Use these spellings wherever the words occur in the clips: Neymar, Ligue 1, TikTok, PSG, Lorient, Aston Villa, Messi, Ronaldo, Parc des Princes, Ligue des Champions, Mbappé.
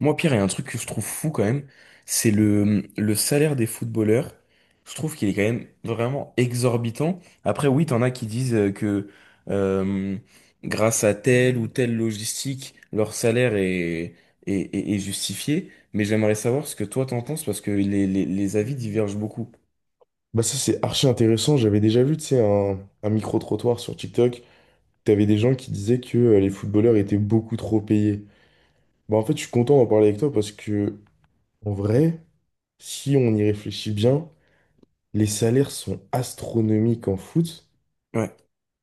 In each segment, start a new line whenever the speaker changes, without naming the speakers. Moi, Pierre, il y a un truc que je trouve fou quand même, c'est le salaire des footballeurs. Je trouve qu'il est quand même vraiment exorbitant. Après, oui, t'en as qui disent que euh, grâce à telle ou telle logistique, leur salaire est justifié. Mais j'aimerais savoir ce que toi t'en penses parce que les avis divergent beaucoup.
Bah ça c'est archi intéressant, j'avais déjà vu tu sais, un micro-trottoir sur TikTok, t'avais des gens qui disaient que les footballeurs étaient beaucoup trop payés. Bah en fait je suis content d'en parler avec toi parce que en vrai, si on y réfléchit bien, les salaires sont astronomiques en foot,
Ouais.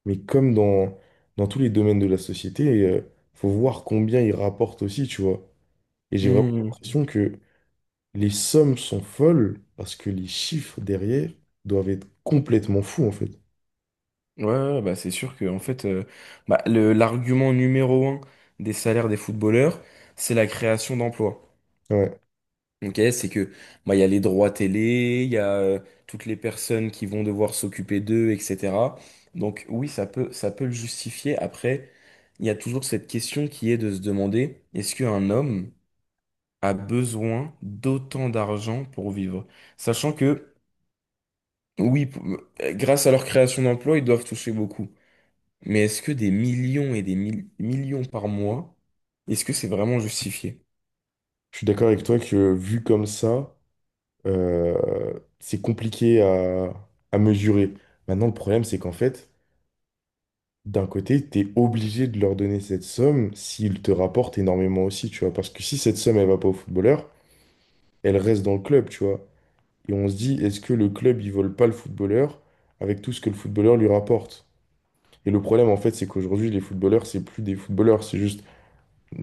mais comme dans tous les domaines de la société, faut voir combien ils rapportent aussi, tu vois. Et j'ai vraiment
Hmm.
l'impression que les sommes sont folles parce que les chiffres derrière doivent être complètement fous en fait.
Ouais, ouais, bah c'est sûr que en fait, l'argument numéro un des salaires des footballeurs, c'est la création d'emplois.
Ouais.
Ok, c'est que bah, il y a les droits télé, il y a toutes les personnes qui vont devoir s'occuper d'eux, etc. Donc oui, ça peut le justifier. Après, il y a toujours cette question qui est de se demander, est-ce qu'un homme a besoin d'autant d'argent pour vivre? Sachant que, oui, grâce à leur création d'emplois, ils doivent toucher beaucoup. Mais est-ce que des millions et des millions par mois, est-ce que c'est vraiment justifié?
Je suis d'accord avec toi que vu comme ça, c'est compliqué à mesurer. Maintenant, le problème, c'est qu'en fait, d'un côté, tu es obligé de leur donner cette somme s'ils te rapportent énormément aussi, tu vois. Parce que si cette somme, elle va pas au footballeur, elle reste dans le club, tu vois. Et on se dit, est-ce que le club, il vole pas le footballeur avec tout ce que le footballeur lui rapporte? Et le problème, en fait, c'est qu'aujourd'hui, les footballeurs, c'est plus des footballeurs, c'est juste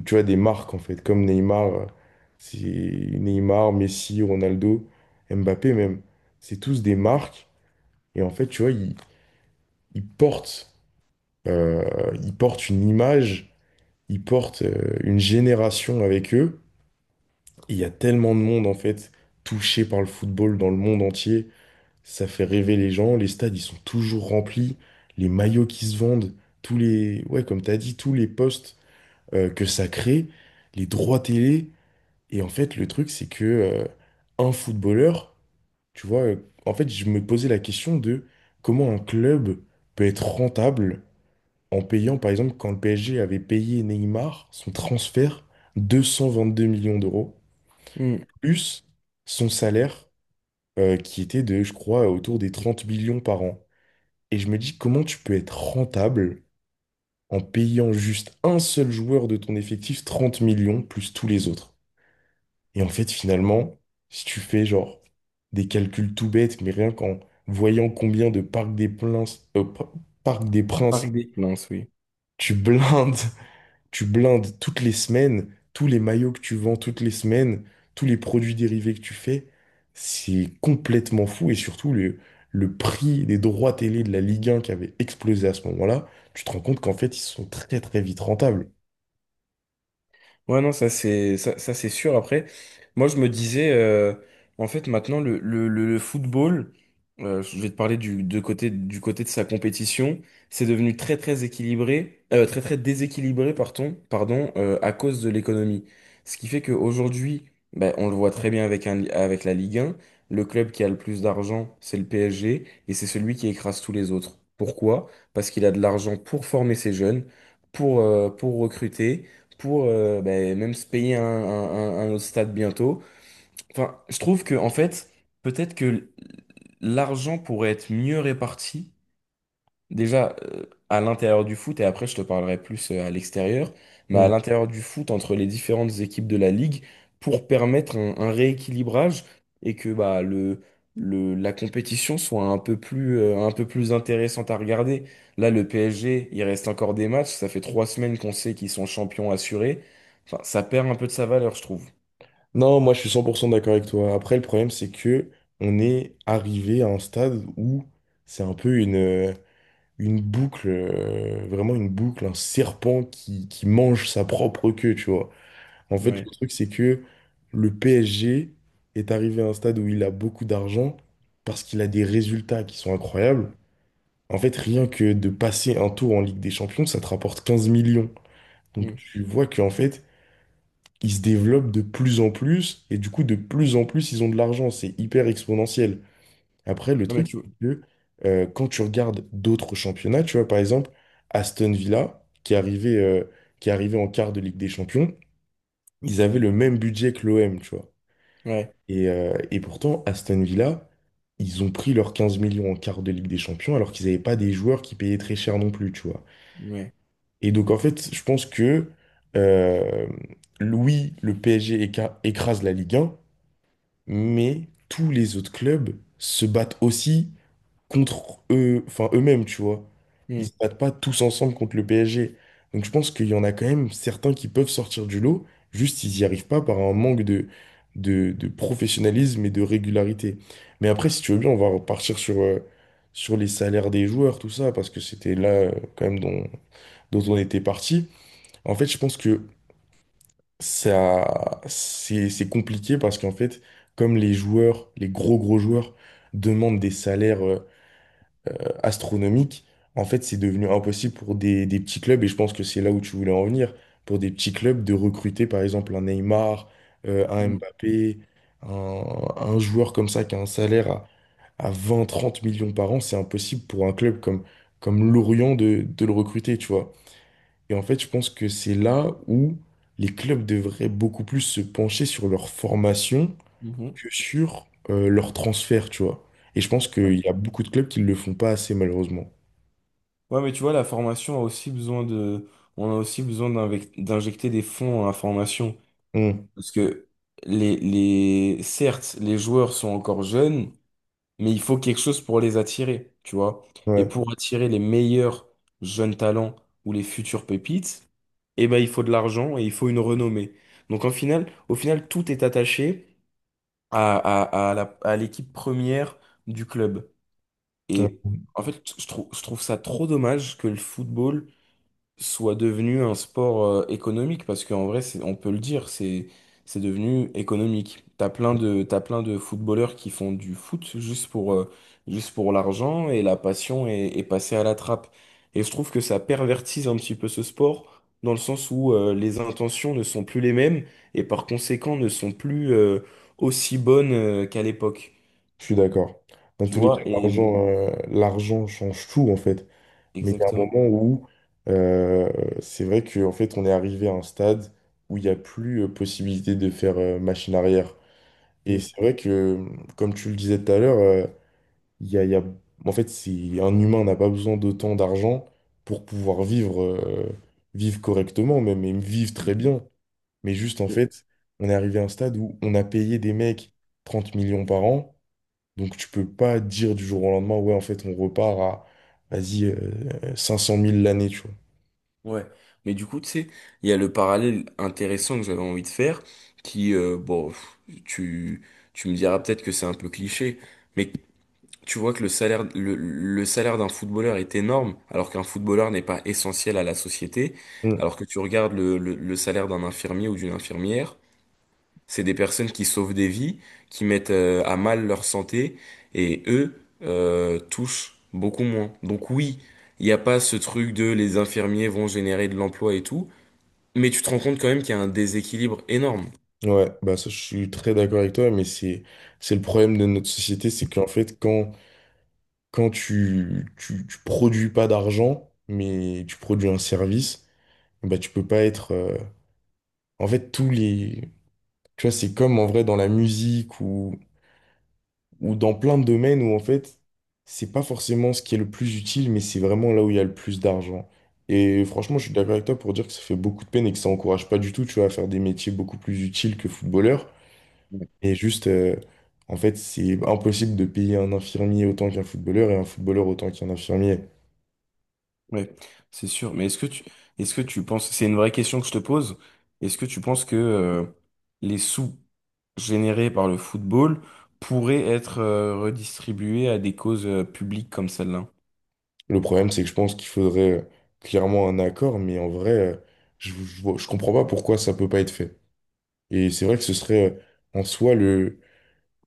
tu vois, des marques en fait, comme Neymar, c'est Neymar, Messi, Ronaldo, Mbappé même. C'est tous des marques et en fait, tu vois, ils portent, euh, ils portent une image, ils portent une génération avec eux. Et il y a tellement de monde en fait touché par le football dans le monde entier, ça fait rêver les gens. Les stades, ils sont toujours remplis, les maillots qui se vendent, ouais, comme tu as dit, tous les postes que ça crée, les droits télé. Et en fait, le truc, c'est que un footballeur, tu vois, en fait, je me posais la question de comment un club peut être rentable en payant, par exemple, quand le PSG avait payé Neymar son transfert 222 millions d'euros,
Hmm.
plus son salaire qui était de, je crois, autour des 30 millions par an. Et je me dis, comment tu peux être rentable en payant juste un seul joueur de ton effectif 30 millions plus tous les autres? Et en fait, finalement, si tu fais genre des calculs tout bêtes, mais rien qu'en voyant combien de Parc des Princes, Parc des
Par
Princes,
des plaintes, oui.
tu blindes, tu blindes toutes les semaines, tous les maillots que tu vends toutes les semaines, tous les produits dérivés que tu fais, c'est complètement fou. Et surtout, le prix des droits télé de la Ligue 1 qui avait explosé à ce moment-là, tu te rends compte qu'en fait, ils sont très très vite rentables.
Ouais, non, ça c'est ça, c'est sûr. Après, moi je me disais, en fait, maintenant le football, je vais te parler de côté, du côté de sa compétition, c'est devenu très très déséquilibré, pardon, à cause de l'économie. Ce qui fait qu'aujourd'hui, ben, on le voit très bien avec la Ligue 1, le club qui a le plus d'argent, c'est le PSG, et c'est celui qui écrase tous les autres. Pourquoi? Parce qu'il a de l'argent pour former ses jeunes, pour recruter pour ben, même se payer un autre stade bientôt. Enfin, je trouve que en fait, peut-être que l'argent pourrait être mieux réparti. Déjà, à l'intérieur du foot, et après je te parlerai plus à l'extérieur, mais à l'intérieur du foot, entre les différentes équipes de la ligue, pour permettre un rééquilibrage et que bah, la compétition soit un peu plus intéressante à regarder. Là, le PSG, il reste encore des matchs, ça fait trois semaines qu'on sait qu'ils sont champions assurés. Enfin, ça perd un peu de sa valeur, je trouve.
Non, moi je suis 100% d'accord avec toi. Après, le problème, c'est que on est arrivé à un stade où c'est un peu une boucle, vraiment une boucle, un serpent qui mange sa propre queue, tu vois. En fait,
Ouais.
le truc, c'est que le PSG est arrivé à un stade où il a beaucoup d'argent parce qu'il a des résultats qui sont incroyables. En fait, rien que de passer un tour en Ligue des Champions, ça te rapporte 15 millions. Donc
Mm.
tu vois qu'en fait, ils se développent de plus en plus, et du coup, de plus en plus, ils ont de l'argent. C'est hyper exponentiel. Après, le
Non, mais
truc,
tu...
c'est que quand tu regardes d'autres championnats, tu vois, par exemple, Aston Villa, qui est arrivé en quart de Ligue des Champions, ils avaient le même budget que l'OM, tu vois.
Ouais.
Et pourtant, Aston Villa, ils ont pris leurs 15 millions en quart de Ligue des Champions, alors qu'ils n'avaient pas des joueurs qui payaient très cher non plus, tu vois.
Ouais.
Et donc, en fait, je pense que, euh, oui, le PSG écrase la Ligue 1, mais tous les autres clubs se battent aussi contre eux, enfin eux-mêmes, tu vois. Ils se
Mm.
battent pas tous ensemble contre le PSG. Donc je pense qu'il y en a quand même certains qui peuvent sortir du lot, juste ils n'y arrivent pas par un manque de professionnalisme et de régularité. Mais après, si tu veux bien, on va repartir sur les salaires des joueurs, tout ça, parce que c'était là quand même dont on était parti. En fait, je pense que ça, c'est compliqué parce qu'en fait, comme les joueurs, les gros gros joueurs demandent des salaires astronomiques, en fait, c'est devenu impossible pour des petits clubs, et je pense que c'est là où tu voulais en venir, pour des petits clubs de recruter par exemple un Neymar, un
Mm.
Mbappé, un joueur comme ça qui a un salaire à 20-30 millions par an, c'est impossible pour un club comme Lorient de le recruter, tu vois. Et en fait, je pense que c'est là où les clubs devraient beaucoup plus se pencher sur leur formation
Mhm.
que sur leur transfert, tu vois. Et je pense qu'il y a beaucoup de clubs qui ne le font pas assez, malheureusement.
Ouais, mais tu vois, la formation a aussi besoin de, on a aussi besoin d'injecter des fonds à la formation.
Mmh.
Parce que certes, les joueurs sont encore jeunes, mais il faut quelque chose pour les attirer, tu vois. Et
Ouais,
pour attirer les meilleurs jeunes talents ou les futurs pépites, eh ben, il faut de l'argent et il faut une renommée. Donc, au final, tout est attaché à l'équipe première du club.
ouais.
Et en fait, je trouve ça trop dommage que le football soit devenu un sport économique parce qu'en vrai c'est on peut le dire c'est devenu économique. T'as plein de footballeurs qui font du foot juste pour l'argent et la passion est passée à la trappe. Et je trouve que ça pervertise un petit peu ce sport dans le sens où les intentions ne sont plus les mêmes et par conséquent ne sont plus aussi bonnes qu'à l'époque.
Je suis d'accord. Dans
Tu
tous les
vois?
cas,
Et
l'argent change tout, en fait. Mais il y a un
exactement.
moment où euh, c'est vrai qu'en fait, on est arrivé à un stade où il n'y a plus possibilité de faire machine arrière. Et c'est vrai que, comme tu le disais tout à l'heure, Il y a, il y a- en fait, un humain n'a pas besoin d'autant d'argent pour pouvoir vivre, vivre correctement, même, et vivre très bien. Mais juste, en
Mm.
fait, on est arrivé à un stade où on a payé des mecs 30 millions par an. Donc, tu peux pas dire du jour au lendemain, ouais, en fait, on repart à, vas-y, 500 000 l'année, tu vois.
Ouais, mais du coup, tu sais, il y a le parallèle intéressant que j'avais envie de faire, qui, bon, pff, tu, tu me diras peut-être que c'est un peu cliché, mais tu vois que le salaire d'un footballeur est énorme, alors qu'un footballeur n'est pas essentiel à la société,
Mm.
alors que tu regardes le salaire d'un infirmier ou d'une infirmière, c'est des personnes qui sauvent des vies, qui mettent à mal leur santé et eux touchent beaucoup moins. Donc oui, il n'y a pas ce truc de les infirmiers vont générer de l'emploi et tout, mais tu te rends compte quand même qu'il y a un déséquilibre énorme.
Ouais, bah ça, je suis très d'accord avec toi, mais c'est le problème de notre société, c'est qu'en fait, quand tu produis pas d'argent, mais tu produis un service, bah, tu peux pas être. En fait, tous les. Tu vois, c'est comme en vrai dans la musique ou dans plein de domaines où en fait, c'est pas forcément ce qui est le plus utile, mais c'est vraiment là où il y a le plus d'argent. Et franchement, je suis d'accord avec toi pour dire que ça fait beaucoup de peine et que ça encourage pas du tout, tu vois, à faire des métiers beaucoup plus utiles que footballeur.
Ouais.
Et juste, en fait, c'est impossible de payer un infirmier autant qu'un footballeur et un footballeur autant qu'un infirmier.
Ouais, c'est sûr. Mais est-ce que tu penses, c'est une vraie question que je te pose, est-ce que tu penses que les sous générés par le football pourraient être redistribués à des causes publiques comme celle-là?
Le problème, c'est que je pense qu'il faudrait clairement un accord, mais en vrai, je comprends pas pourquoi ça peut pas être fait. Et c'est vrai que ce serait en soi le,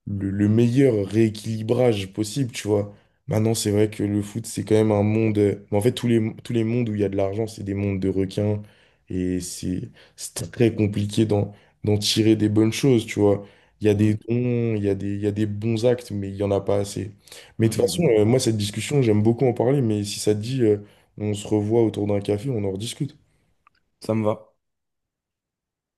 le, le meilleur rééquilibrage possible, tu vois. Maintenant, c'est vrai que le foot, c'est quand même un monde. Mais en fait, tous les mondes où il y a de l'argent, c'est des mondes de requins. Et c'est très compliqué d'en tirer des bonnes choses, tu vois. Il y a des
Mm,
dons, il y a des bons actes, mais il n'y en a pas assez. Mais
mm,
de toute façon,
mm.
moi, cette discussion, j'aime beaucoup en parler. Mais si ça te dit, on se revoit autour d'un café, on en rediscute.
Ça me va.